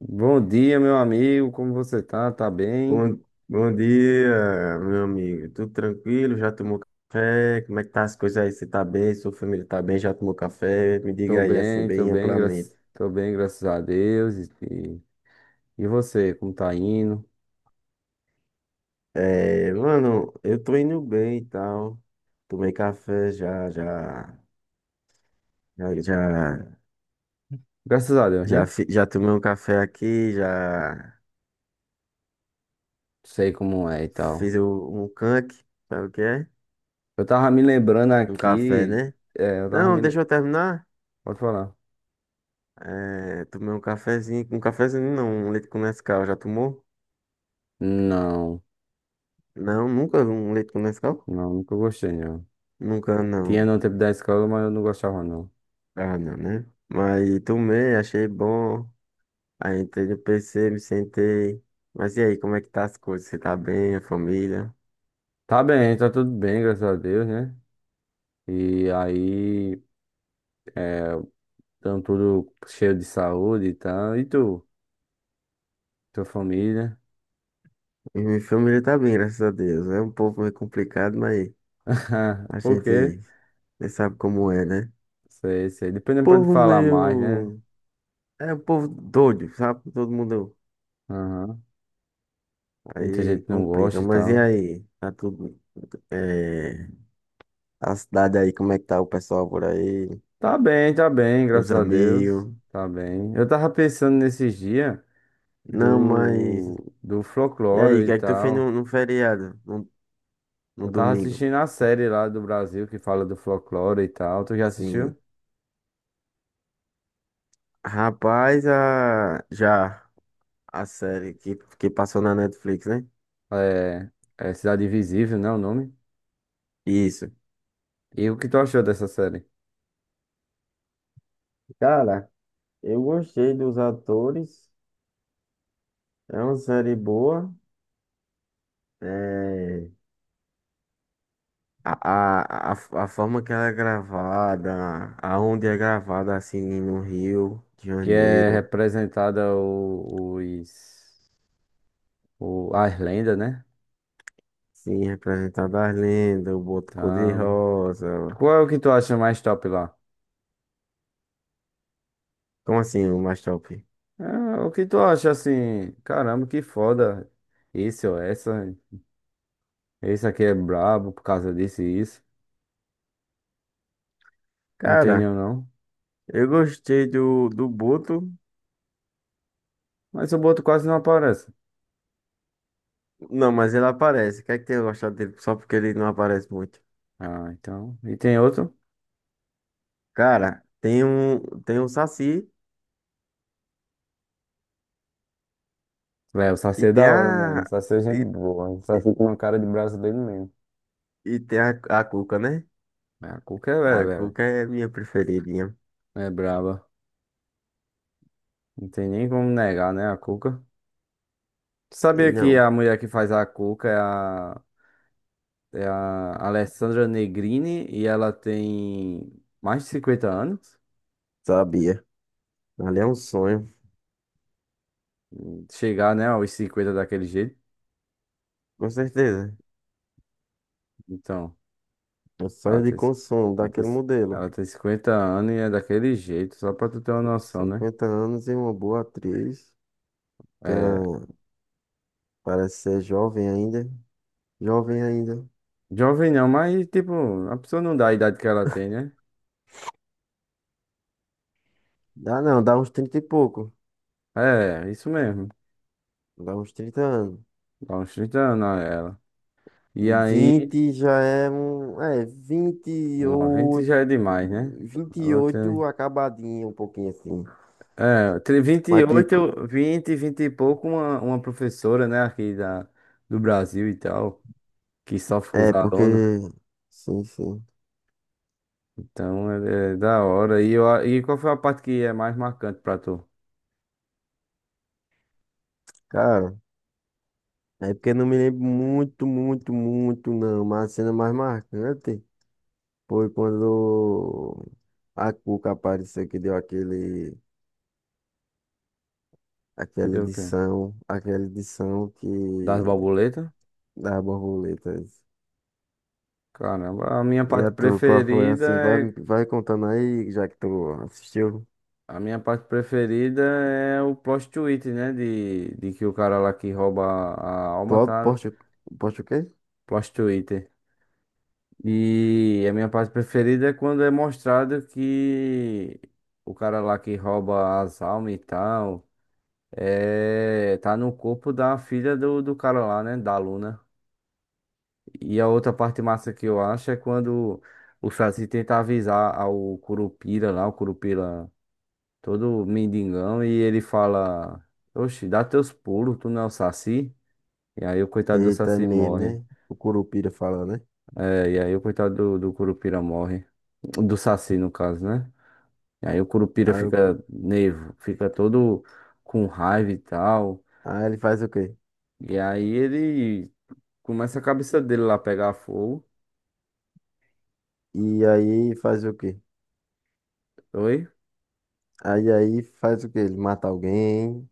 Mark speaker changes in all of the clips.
Speaker 1: Bom dia, meu amigo. Como você tá? Tá bem?
Speaker 2: Bom, bom dia, meu amigo. Tudo tranquilo? Já tomou café? Como é que tá as coisas aí? Você tá bem? Sua família tá bem? Já tomou café? Me
Speaker 1: Tô
Speaker 2: diga aí, assim,
Speaker 1: bem, tô
Speaker 2: bem
Speaker 1: bem,
Speaker 2: amplamente.
Speaker 1: graças a Deus. E você, como tá indo?
Speaker 2: É, mano, eu tô indo bem e tal. Tomei café já, já,
Speaker 1: Graças a Deus, né?
Speaker 2: já tomei um café aqui, já
Speaker 1: Sei como é e tal.
Speaker 2: fiz um canque, sabe o que é?
Speaker 1: Eu tava me lembrando
Speaker 2: Um café,
Speaker 1: aqui.
Speaker 2: né?
Speaker 1: É, eu tava
Speaker 2: Não,
Speaker 1: me.
Speaker 2: deixa eu terminar.
Speaker 1: Pode falar.
Speaker 2: É, tomei um cafezinho não, um leite com Nescau, já tomou?
Speaker 1: Não,
Speaker 2: Não, nunca vi um leite com Nescau?
Speaker 1: não, nunca gostei, não.
Speaker 2: Nunca,
Speaker 1: Tinha
Speaker 2: não.
Speaker 1: no tempo da escola, mas eu não gostava, não.
Speaker 2: Ah, não, né? Mas tomei, achei bom. Aí entrei no PC, me sentei. Mas e aí, como é que tá as coisas? Você tá bem, a família?
Speaker 1: Tá bem, tá tudo bem, graças a Deus, né? E aí, estão tudo cheio de saúde e tal. E tu? Tua família?
Speaker 2: E minha família tá bem, graças a Deus. É um povo meio complicado, mas a
Speaker 1: Por quê?
Speaker 2: gente você sabe como é, né?
Speaker 1: Sei, sei. Depois não pode
Speaker 2: Povo
Speaker 1: falar mais, né?
Speaker 2: meio. É um povo doido, sabe? Todo mundo.
Speaker 1: Aham. Muita
Speaker 2: Aí
Speaker 1: gente não
Speaker 2: complica.
Speaker 1: gosta e
Speaker 2: Mas e
Speaker 1: tal.
Speaker 2: aí? Tá tudo. É... A cidade aí, como é que tá o pessoal por aí?
Speaker 1: Tá bem,
Speaker 2: Os
Speaker 1: graças a Deus.
Speaker 2: amigos.
Speaker 1: Tá bem. Eu tava pensando nesses dias
Speaker 2: Não,
Speaker 1: do,
Speaker 2: mas.
Speaker 1: do
Speaker 2: E aí,
Speaker 1: folclore
Speaker 2: o
Speaker 1: e
Speaker 2: que é que tu fez
Speaker 1: tal.
Speaker 2: no, no feriado? No, no
Speaker 1: Eu tava
Speaker 2: domingo?
Speaker 1: assistindo a série lá do Brasil que fala do folclore e tal. Tu já assistiu?
Speaker 2: Sim. Rapaz, a série que passou na Netflix, né?
Speaker 1: É, é Cidade Invisível, né? O nome.
Speaker 2: Isso.
Speaker 1: E o que tu achou dessa série?
Speaker 2: Cara, eu gostei dos atores. É uma série boa. É... A forma que ela é gravada, aonde é gravada, assim, no Rio de
Speaker 1: Que é
Speaker 2: Janeiro.
Speaker 1: representada as lendas, né?
Speaker 2: Sim, representada as lendas, o Boto
Speaker 1: Então,
Speaker 2: Cor-de-Rosa.
Speaker 1: qual é o que tu acha mais top lá?
Speaker 2: Como assim, o mais top?
Speaker 1: Ah, o que tu acha assim? Caramba, que foda. Esse ou essa. Esse aqui é brabo por causa disso e isso. Não tem
Speaker 2: Cara.
Speaker 1: nenhum, não.
Speaker 2: Eu gostei do, do Boto.
Speaker 1: Mas o boto quase não aparece.
Speaker 2: Não, mas ele aparece. Quer que tenha gostado dele só porque ele não aparece muito.
Speaker 1: Ah, então. E tem outro?
Speaker 2: Cara, tem um Saci
Speaker 1: Véi, o Saci
Speaker 2: e
Speaker 1: é
Speaker 2: tem
Speaker 1: da hora mesmo. O
Speaker 2: a.
Speaker 1: Saci é
Speaker 2: E,
Speaker 1: gente boa. O
Speaker 2: e
Speaker 1: Saci tem uma cara de brasileiro mesmo.
Speaker 2: tem a Cuca, né?
Speaker 1: É, a Cuca é velha.
Speaker 2: A
Speaker 1: Velho.
Speaker 2: Cuca é minha preferidinha.
Speaker 1: É braba. Não tem nem como negar, né, a Cuca. Tu
Speaker 2: Ele
Speaker 1: sabia que
Speaker 2: não,
Speaker 1: a mulher que faz a Cuca é a Alessandra Negrini e ela tem mais de 50 anos?
Speaker 2: sabia. Ali é um sonho,
Speaker 1: Chegar, né, aos 50 daquele jeito.
Speaker 2: com certeza.
Speaker 1: Então,
Speaker 2: Um
Speaker 1: ela
Speaker 2: sonho de
Speaker 1: tem,
Speaker 2: consumo
Speaker 1: ela tem,
Speaker 2: daquele modelo.
Speaker 1: ela tem 50 anos e é daquele jeito, só pra tu ter uma noção, né?
Speaker 2: 50 anos e uma boa atriz. Tem
Speaker 1: É,
Speaker 2: uma, parece ser jovem ainda. Jovem ainda.
Speaker 1: jovem não, mas tipo, a pessoa não dá a idade que ela tem, né?
Speaker 2: Dá não, dá uns 30 e pouco.
Speaker 1: É, isso mesmo.
Speaker 2: Dá uns 30 anos.
Speaker 1: Dá uns 30 anos a ela. E aí,
Speaker 2: 20 já é um. É, vinte e
Speaker 1: 90
Speaker 2: oito.
Speaker 1: já é demais, né?
Speaker 2: vinte e
Speaker 1: Ela
Speaker 2: oito
Speaker 1: tem.
Speaker 2: acabadinho, um pouquinho assim.
Speaker 1: É, entre vinte e
Speaker 2: Mas tipo,
Speaker 1: oito 20 20 e pouco, uma professora, né, aqui do Brasil e tal, que sofre com os
Speaker 2: é porque.
Speaker 1: alunos.
Speaker 2: Sim, sim.
Speaker 1: Então, é, é da hora. E qual foi a parte que é mais marcante pra tu?
Speaker 2: Cara, é porque eu não me lembro muito, muito, muito, não. Mas a cena mais marcante foi quando a Cuca apareceu que deu aquele.
Speaker 1: Que
Speaker 2: Aquela
Speaker 1: deu o quê?
Speaker 2: edição. Aquela edição
Speaker 1: Das
Speaker 2: que.
Speaker 1: borboletas?
Speaker 2: Da borboleta.
Speaker 1: Caramba, a minha
Speaker 2: E a
Speaker 1: parte
Speaker 2: tu, qual foi
Speaker 1: preferida
Speaker 2: assim? Vai,
Speaker 1: é.
Speaker 2: vai contando aí, já que tu assistiu.
Speaker 1: A minha parte preferida é o plot twist, né? De que o cara lá que rouba a alma
Speaker 2: Plot,
Speaker 1: tá
Speaker 2: poste o quê?
Speaker 1: plot twist. E a minha parte preferida é quando é mostrado que o cara lá que rouba as almas e tal é, tá no corpo da filha do cara lá, né? Da Luna. E a outra parte massa que eu acho é quando o Saci tenta avisar ao Curupira lá, o Curupira todo mendigão, e ele fala: "Oxe, dá teus pulos, tu não é o Saci?" E aí o coitado do
Speaker 2: Eita, é
Speaker 1: Saci
Speaker 2: mesmo,
Speaker 1: morre.
Speaker 2: né? O Curupira fala, né?
Speaker 1: É, e aí o coitado do Curupira morre. Do Saci, no caso, né? E aí o Curupira
Speaker 2: Aí, o cu-
Speaker 1: fica nervo, fica todo com raiva e tal.
Speaker 2: aí ele faz o quê?
Speaker 1: E aí ele começa a cabeça dele lá pegar fogo.
Speaker 2: E aí faz o quê?
Speaker 1: Oi?
Speaker 2: Aí faz o quê? Ele mata alguém.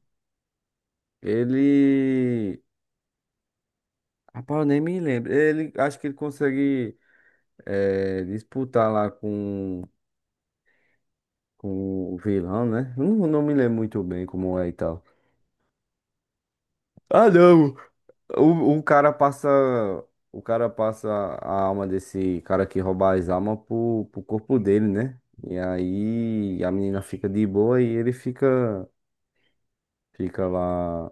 Speaker 1: Ele. Rapaz, eu nem me lembro. Ele, acho que ele consegue disputar lá com o vilão, né? Eu Não, não me lembro muito bem como é e tal. Ah, não! O cara passa. O cara passa a alma desse cara que rouba as almas pro corpo dele, né? E aí a menina fica de boa e ele fica, fica lá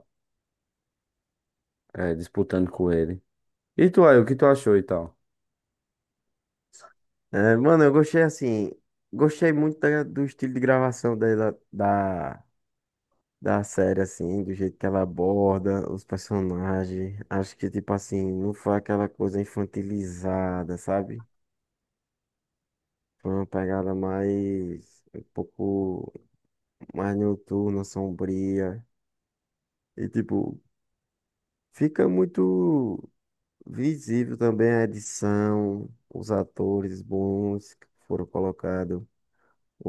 Speaker 1: disputando com ele. E tu aí, o que tu achou e tal?
Speaker 2: É, mano, eu gostei assim. Gostei muito do estilo de gravação dela, da série, assim, do jeito que ela aborda os personagens. Acho que, tipo assim, não foi aquela coisa infantilizada, sabe? Foi uma pegada mais, um pouco mais noturna, sombria. E, tipo, fica muito visível também a edição, os atores bons que foram colocados.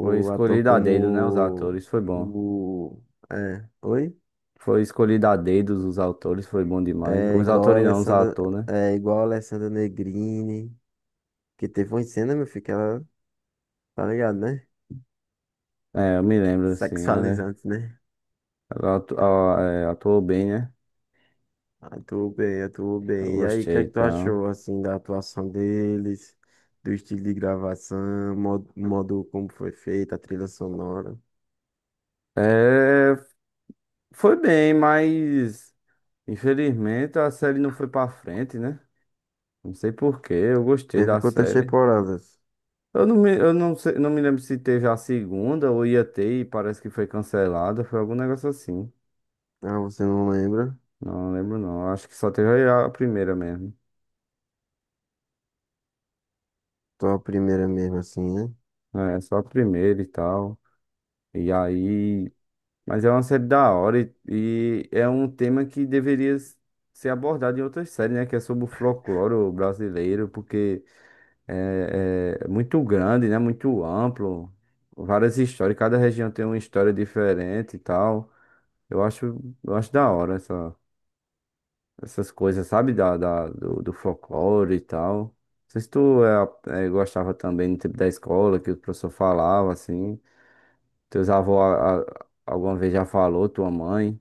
Speaker 1: Foi
Speaker 2: ator
Speaker 1: escolhido a dedo, né? Os
Speaker 2: como
Speaker 1: atores, foi bom.
Speaker 2: o... É, oi?
Speaker 1: Foi escolhido a dedo os autores, foi bom demais.
Speaker 2: É
Speaker 1: Os
Speaker 2: igual a
Speaker 1: autores não, os
Speaker 2: Alessandra,
Speaker 1: atores, né?
Speaker 2: é igual a Alessandra Negrini, que teve uma cena, meu filho, que ela, tá ligado, né?
Speaker 1: É, eu me lembro, assim, ela,
Speaker 2: Sexualizante, né?
Speaker 1: ela atu- ó, é, atuou bem, né?
Speaker 2: Atuou bem, atuou
Speaker 1: Eu
Speaker 2: bem. E aí, o que
Speaker 1: gostei,
Speaker 2: é que tu
Speaker 1: então.
Speaker 2: achou, assim, da atuação deles, do estilo de gravação, modo como foi feita, a trilha sonora?
Speaker 1: É, foi bem, mas infelizmente a série não foi pra frente, né? Não sei por quê, eu gostei
Speaker 2: Teve
Speaker 1: da
Speaker 2: quantas
Speaker 1: série.
Speaker 2: temporadas?
Speaker 1: Eu não sei, não me lembro se teve a segunda ou ia ter e parece que foi cancelada, foi algum negócio assim.
Speaker 2: Ah, você não lembra?
Speaker 1: Não lembro não, acho que só teve a primeira mesmo.
Speaker 2: Tô a primeira mesmo, assim, né?
Speaker 1: É, só a primeira e tal. E aí. Mas é uma série da hora e é um tema que deveria ser abordado em outras séries, né? Que é sobre o folclore brasileiro, porque é, é muito grande, né? Muito amplo. Várias histórias, cada região tem uma história diferente e tal. Eu acho da hora essa, essas coisas, sabe? Do folclore e tal. Não sei se tu é, gostava também no tempo da escola, que o professor falava, assim. Teus avós alguma vez já falou, tua mãe.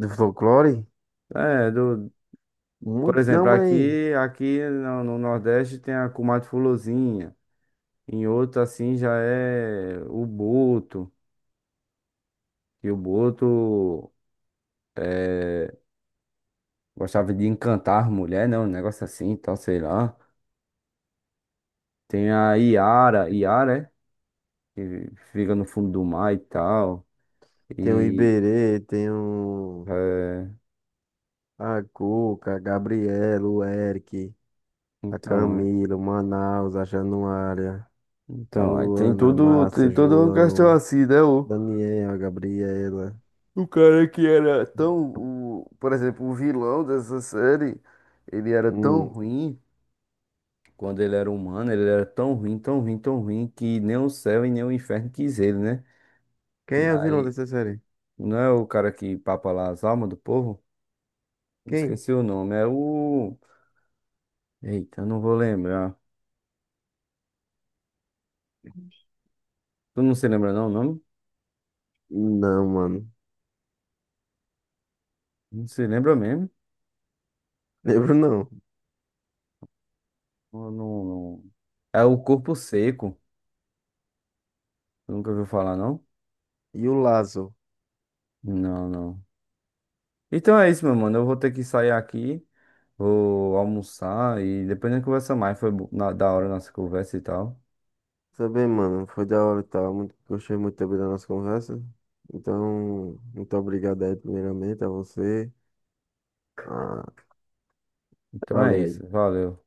Speaker 2: Do folclore?
Speaker 1: É, do, por
Speaker 2: Muito não,
Speaker 1: exemplo,
Speaker 2: mas
Speaker 1: aqui, aqui no, no Nordeste tem a comadre Fulozinha. Em outro, assim, já é o boto. E o boto é, gostava de encantar mulher, né? Um negócio assim, e tal, sei lá. Tem a Iara, Iara, é? Que fica no fundo do mar e tal.
Speaker 2: tem o
Speaker 1: E,
Speaker 2: Iberê, tem o...
Speaker 1: é,
Speaker 2: a Cuca, a Gabriela, o Eric, a
Speaker 1: então,
Speaker 2: Camila, o Manaus, a Januária, a
Speaker 1: então, aí tem
Speaker 2: Luana, a
Speaker 1: tudo,
Speaker 2: Márcia,
Speaker 1: tem toda uma questão
Speaker 2: João,
Speaker 1: assim, né?
Speaker 2: Daniel, a Gabriela.
Speaker 1: O cara que era tão, o, por exemplo, o vilão dessa série, ele era tão
Speaker 2: Hum,
Speaker 1: ruim, quando ele era humano, ele era tão ruim, tão ruim, tão ruim, que nem o céu e nem o inferno quis ele, né?
Speaker 2: quem
Speaker 1: E
Speaker 2: é o vilão
Speaker 1: aí,
Speaker 2: dessa série?
Speaker 1: não é o cara que papa lá as almas do povo?
Speaker 2: Quem?
Speaker 1: Esqueci o nome, é o... Eita, eu não vou lembrar. Tu não se lembra não o nome?
Speaker 2: Não, mano.
Speaker 1: Não se lembra mesmo?
Speaker 2: Lembro não.
Speaker 1: Ou não, não... É o Corpo Seco. Tu nunca ouviu falar não?
Speaker 2: E o Lazo?
Speaker 1: Não, não. Então é isso, meu mano, eu vou ter que sair aqui. Vou almoçar e depois a gente conversa mais. Foi da hora a nossa conversa e tal.
Speaker 2: Também, mano. Foi da hora e tal. Muito, gostei muito também da nossa conversa. Então, muito obrigado aí, primeiramente, a você. Ah,
Speaker 1: Então é
Speaker 2: valeu aí.
Speaker 1: isso. Valeu.